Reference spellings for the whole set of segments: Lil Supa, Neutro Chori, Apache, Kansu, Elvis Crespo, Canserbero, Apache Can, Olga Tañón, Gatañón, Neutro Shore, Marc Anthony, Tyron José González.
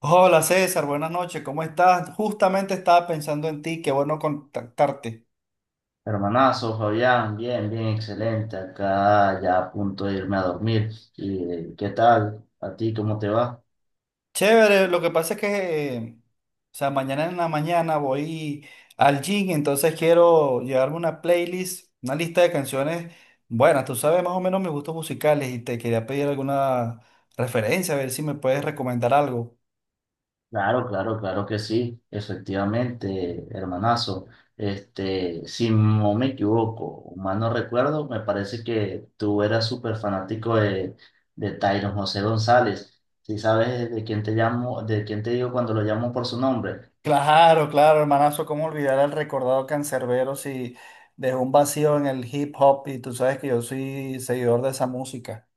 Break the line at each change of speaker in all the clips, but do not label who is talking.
Hola César, buenas noches, ¿cómo estás? Justamente estaba pensando en ti, qué bueno contactarte.
Hermanazo, Fabián, bien, bien, excelente. Acá ya a punto de irme a dormir. ¿Y qué tal? ¿A ti cómo te va?
Chévere, lo que pasa es que, o sea, mañana en la mañana voy al gym, entonces quiero llevarme una playlist, una lista de canciones. Bueno, tú sabes más o menos mis gustos musicales y te quería pedir alguna referencia, a ver si me puedes recomendar algo.
Claro, claro, claro que sí, efectivamente, hermanazo. Este, si no me equivoco, o mal no recuerdo, me parece que tú eras súper fanático de Tyron José González. ¿Si sabes de quién te llamo, de quién te digo cuando lo llamo por su nombre?
Claro, claro, hermanazo, cómo olvidar al recordado cancerbero si dejó un vacío en el hip hop y tú sabes que yo soy seguidor de esa música.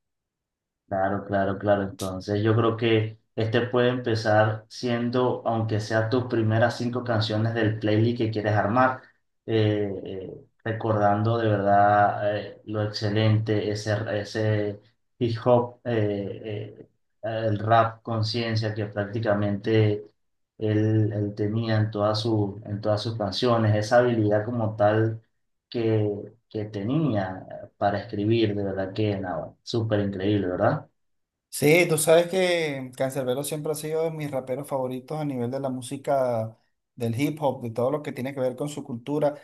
Claro, claro, claro. Entonces yo creo que este puede empezar siendo, aunque sea tus primeras cinco canciones del playlist que quieres armar, recordando de verdad lo excelente, ese hip hop, el rap conciencia que prácticamente él tenía en todas sus canciones, esa habilidad como tal que tenía para escribir, de verdad que nada, súper increíble, ¿verdad?
Sí, tú sabes que Canserbero siempre ha sido de mis raperos favoritos a nivel de la música, del hip hop, de todo lo que tiene que ver con su cultura.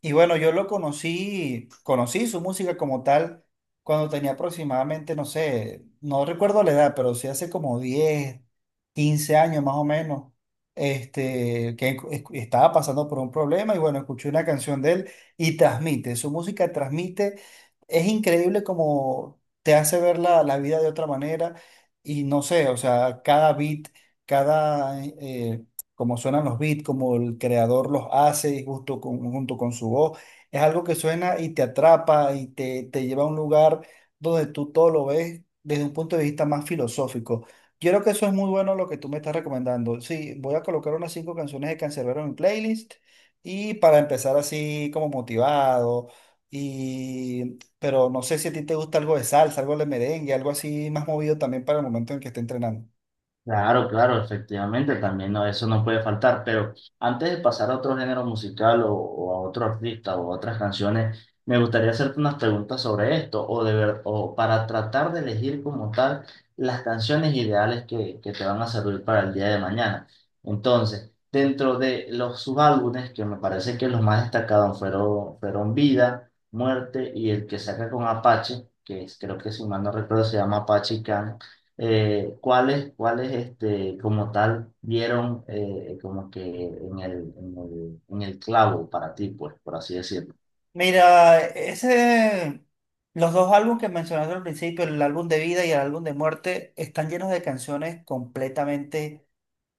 Y bueno, yo lo conocí, conocí su música como tal cuando tenía aproximadamente, no sé, no recuerdo la edad, pero sí hace como 10 15 años más o menos, este, estaba pasando por un problema y bueno, escuché una canción de él y transmite, su música transmite, es increíble como te hace ver la vida de otra manera y no sé, o sea, cada beat, cada... como suenan los beats, como el creador los hace y justo con, junto con su voz. Es algo que suena y te atrapa y te lleva a un lugar donde tú todo lo ves desde un punto de vista más filosófico. Yo creo que eso es muy bueno lo que tú me estás recomendando. Sí, voy a colocar unas 5 canciones de Canserbero en mi playlist y para empezar así como motivado. Y, pero no sé si a ti te gusta algo de salsa, algo de merengue, algo así más movido también para el momento en que esté entrenando.
Claro, claro, efectivamente, también no, eso no puede faltar, pero antes de pasar a otro género musical o a otro artista o a otras canciones, me gustaría hacerte unas preguntas sobre esto o para tratar de elegir como tal las canciones ideales que te van a servir para el día de mañana. Entonces, dentro de los subálbumes, que me parece que los más destacados fueron Vida, Muerte y el que saca con Apache, creo que si mal no recuerdo se llama Apache Can. Cuáles como tal dieron, como que en el clavo para ti, pues, por así decirlo.
Mira, ese, los dos álbumes que mencionaste al principio, el álbum de vida y el álbum de muerte, están llenos de canciones completamente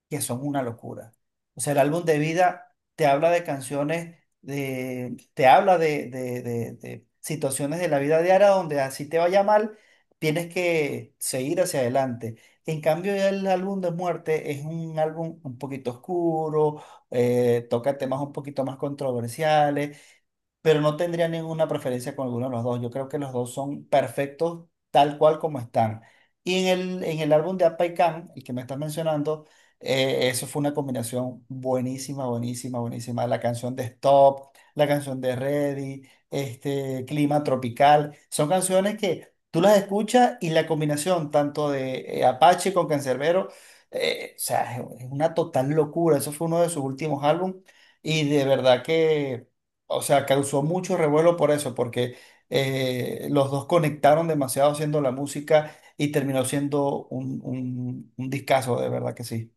que son una locura. O sea, el álbum de vida te habla de canciones, de, te habla de situaciones de la vida diaria donde así te vaya mal, tienes que seguir hacia adelante. En cambio, ya el álbum de muerte es un álbum un poquito oscuro, toca temas un poquito más controversiales pero no tendría ninguna preferencia con alguno de los dos. Yo creo que los dos son perfectos tal cual como están. Y en en el álbum de Apa y Can, el que me estás mencionando, eso fue una combinación buenísima, buenísima, buenísima. La canción de Stop, la canción de Ready, este, Clima Tropical, son canciones que tú las escuchas y la combinación tanto de Apache con Canserbero, o sea, es una total locura. Eso fue uno de sus últimos álbumes y de verdad que... O sea, causó mucho revuelo por eso, porque los dos conectaron demasiado haciendo la música y terminó siendo un discazo, de verdad que sí.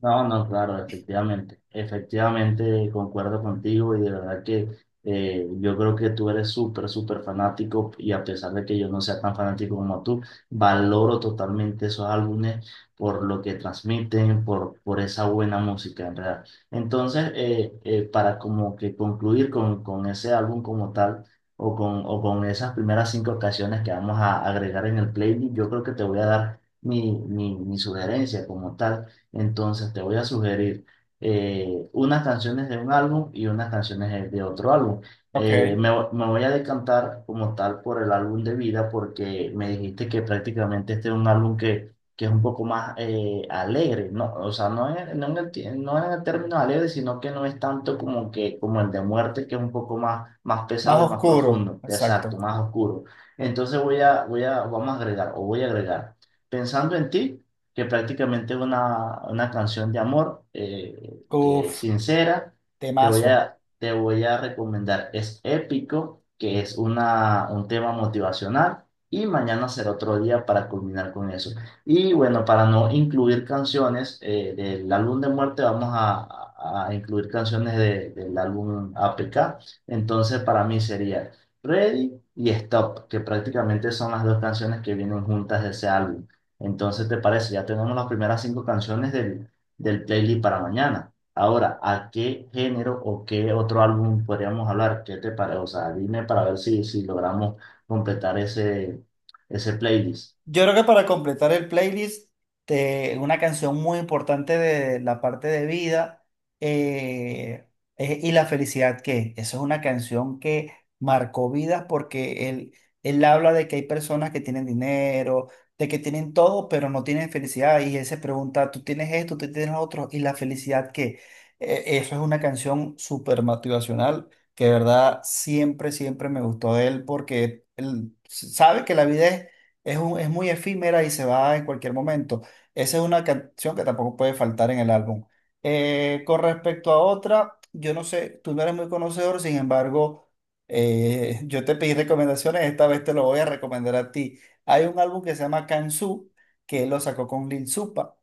No, no, claro, efectivamente, efectivamente concuerdo contigo y de verdad que, yo creo que tú eres súper, súper fanático y a pesar de que yo no sea tan fanático como tú, valoro totalmente esos álbumes por lo que transmiten, por esa buena música, en verdad. Entonces, para como que concluir con ese álbum como tal, o con esas primeras cinco canciones que vamos a agregar en el playlist, yo creo que te voy a dar mi sugerencia como tal. Entonces te voy a sugerir unas canciones de un álbum y unas canciones de otro álbum. Eh,
Ok.
me, vo- me voy a decantar como tal por el álbum de vida, porque me dijiste que prácticamente este es un álbum que es un poco más, alegre, ¿no? O sea, no en el término alegre, sino que no es tanto como, como el de muerte, que es un poco más
Más
pesado y más
oscuro,
profundo,
exacto.
exacto, más oscuro. Entonces vamos a agregar, o voy a agregar. Pensando en ti, que prácticamente es una canción de amor, que es
Uf,
sincera. Te voy
temazo.
a, te voy a recomendar Es Épico, que es un tema motivacional, y Mañana Será Otro Día para culminar con eso. Y bueno, para no incluir canciones del álbum de muerte, vamos a incluir canciones del álbum APK. Entonces, para mí sería Ready y Stop, que prácticamente son las dos canciones que vienen juntas de ese álbum. Entonces, ¿te parece? Ya tenemos las primeras cinco canciones del playlist para mañana. Ahora, ¿a qué género o qué otro álbum podríamos hablar? ¿Qué te parece? O sea, dime para ver si logramos completar ese playlist.
Yo creo que para completar el playlist, una canción muy importante de la parte de vida eh, es Y la felicidad que es. Esa es una canción que marcó vidas porque él habla de que hay personas que tienen dinero, de que tienen todo, pero no tienen felicidad. Y él se pregunta, tú tienes esto, tú tienes lo otro, ¿y la felicidad que Eso es una canción súper motivacional que de verdad siempre, siempre me gustó de él porque él sabe que la vida es muy efímera y se va en cualquier momento. Esa es una canción que tampoco puede faltar en el álbum. Con respecto a otra, yo no sé, tú no eres muy conocedor, sin embargo, yo te pedí recomendaciones, esta vez te lo voy a recomendar a ti. Hay un álbum que se llama Kansu, que lo sacó con Lil Supa,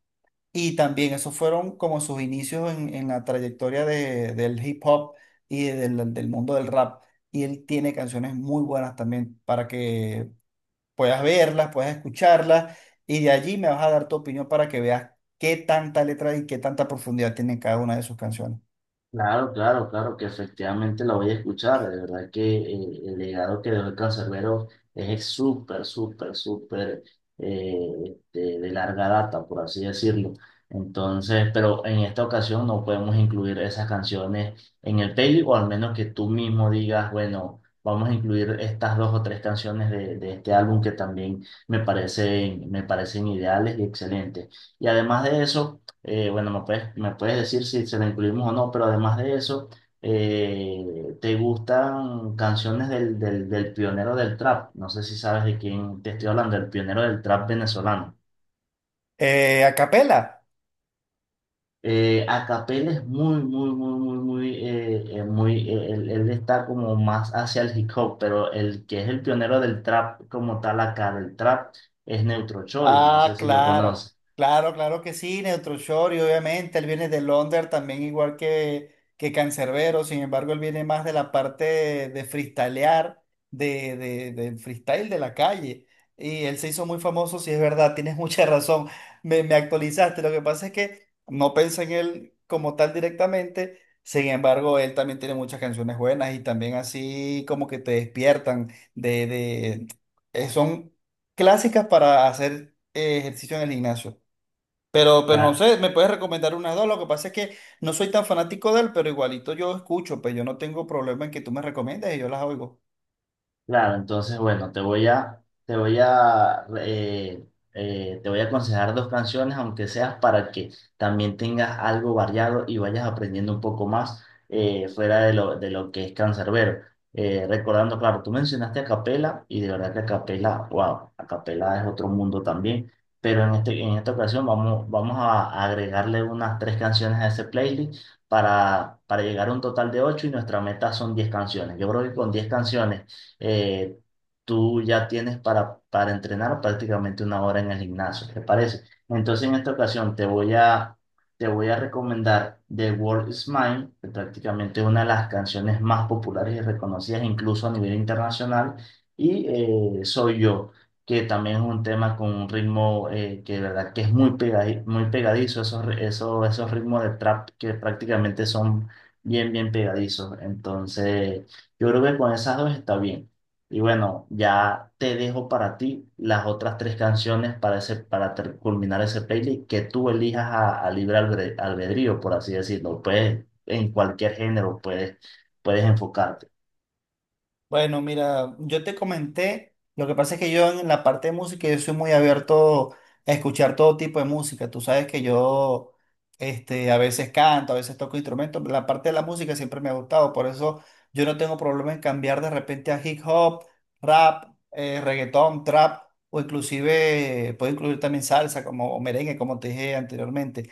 y también esos fueron como sus inicios en la trayectoria del hip hop y del, del mundo del rap. Y él tiene canciones muy buenas también para que puedas verlas, puedas escucharlas, y de allí me vas a dar tu opinión para que veas qué tanta letra y qué tanta profundidad tienen cada una de sus canciones.
Claro, claro, claro, que efectivamente la voy a escuchar. De verdad que, el legado que dejó el Canserbero es súper, súper, súper, de larga data, por así decirlo. Entonces, pero en esta ocasión no podemos incluir esas canciones en el playlist, o al menos que tú mismo digas, bueno, vamos a incluir estas dos o tres canciones de este álbum que también me parecen, ideales y excelentes. Y además de eso, bueno, me puedes decir si se la incluimos o no. Pero además de eso, ¿te gustan canciones del pionero del trap? No sé si sabes de quién te estoy hablando, el pionero del trap venezolano.
A capela.
Acapel es muy, muy, muy, muy, muy, muy, él está como más hacia el hip hop, pero el que es el pionero del trap como tal acá, del trap, es Neutro Chori, no
Ah,
sé si lo
claro,
conoces.
claro, claro que sí, Neutro Shore y obviamente él viene de Londres también igual que Canserbero, sin embargo él viene más de la parte de freestylear, del freestyle de la calle y él se hizo muy famoso. Sí es verdad, tienes mucha razón, me actualizaste, lo que pasa es que no pensé en él como tal directamente, sin embargo él también tiene muchas canciones buenas y también así como que te despiertan de son clásicas para hacer ejercicio en el gimnasio. Pero no sé, me puedes recomendar unas dos. Lo que pasa es que no soy tan fanático de él, pero igualito yo escucho, pues yo no tengo problema en que tú me recomiendes y yo las oigo.
Claro, entonces bueno, te voy a aconsejar dos canciones, aunque seas para que también tengas algo variado y vayas aprendiendo un poco más, fuera de lo que es Canserbero. Recordando, claro, tú mencionaste a Capela, y de verdad que a Capela, wow, a Capela es otro mundo también. Pero en esta ocasión vamos a agregarle unas tres canciones a ese playlist, para llegar a un total de ocho, y nuestra meta son 10 canciones. Yo creo que con 10 canciones, eh, tú ya tienes para entrenar prácticamente una hora en el gimnasio, ¿te parece? Entonces, en esta ocasión te voy a recomendar The World Is Mine, que prácticamente es una de las canciones más populares y reconocidas incluso a nivel internacional, y, Soy Yo, que también es un tema con un ritmo, que de verdad que es muy pegadizo. Esos, esos ritmos de trap que prácticamente son bien, bien pegadizos. Entonces, yo creo que con esas dos está bien. Y bueno, ya te dejo para ti las otras tres canciones para culminar ese playlist, que tú elijas a libre albedrío, por así decirlo. Puedes, en cualquier género puedes enfocarte.
Bueno, mira, yo te comenté, lo que pasa es que yo en la parte de música yo soy muy abierto a escuchar todo tipo de música. Tú sabes que yo este, a veces canto, a veces toco instrumentos. La parte de la música siempre me ha gustado, por eso yo no tengo problema en cambiar de repente a hip hop, rap, reggaetón, trap o inclusive puedo incluir también salsa como o merengue, como te dije anteriormente.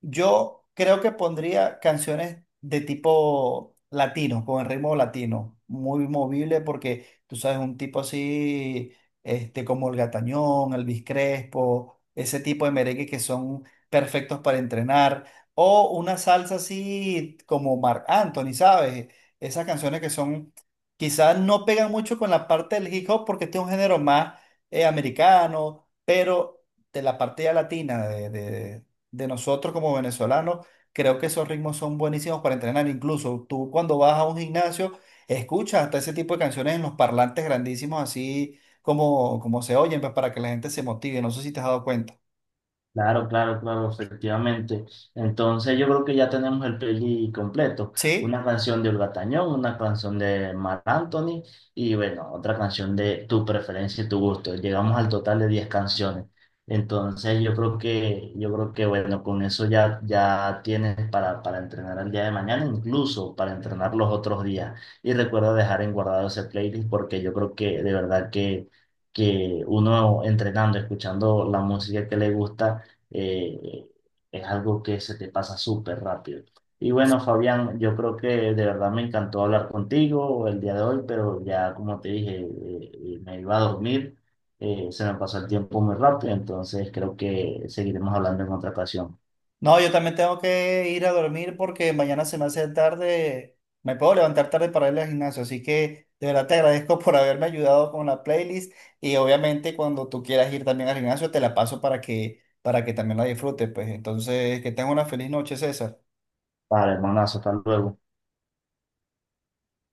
Yo creo que pondría canciones de tipo latino, con el ritmo latino, muy movible porque tú sabes, un tipo así, este, como el Gatañón, Elvis Crespo, ese tipo de merengue que son perfectos para entrenar, o una salsa así como Marc Anthony, ¿sabes? Esas canciones que son, quizás no pegan mucho con la parte del hip hop porque este es un género más americano, pero de la parte ya latina, de nosotros como venezolanos, creo que esos ritmos son buenísimos para entrenar. Incluso tú cuando vas a un gimnasio, escuchas hasta ese tipo de canciones en los parlantes grandísimos, así como, como se oyen, pues, para que la gente se motive. No sé si te has dado cuenta.
Claro, claro, claro, efectivamente. Entonces yo creo que ya tenemos el playlist completo.
Sí.
Una canción de Olga Tañón, una canción de Marc Anthony, y bueno, otra canción de tu preferencia y tu gusto. Llegamos al total de 10 canciones. Entonces yo creo que bueno, con eso ya, ya tienes para entrenar el día de mañana, incluso para entrenar los otros días. Y recuerda dejar en guardado ese playlist, porque yo creo que de verdad que uno entrenando, escuchando la música que le gusta, eh, es algo que se te pasa súper rápido. Y bueno, Fabián, yo creo que de verdad me encantó hablar contigo el día de hoy, pero ya como te dije, me iba a dormir, se me pasó el tiempo muy rápido, entonces creo que seguiremos hablando en otra ocasión.
No, yo también tengo que ir a dormir porque mañana se me hace tarde, me puedo levantar tarde para ir al gimnasio, así que de verdad te agradezco por haberme ayudado con la playlist y obviamente cuando tú quieras ir también al gimnasio te la paso para que también la disfrutes, pues entonces que tengas una feliz noche, César.
Vale, hermanazo, hasta luego.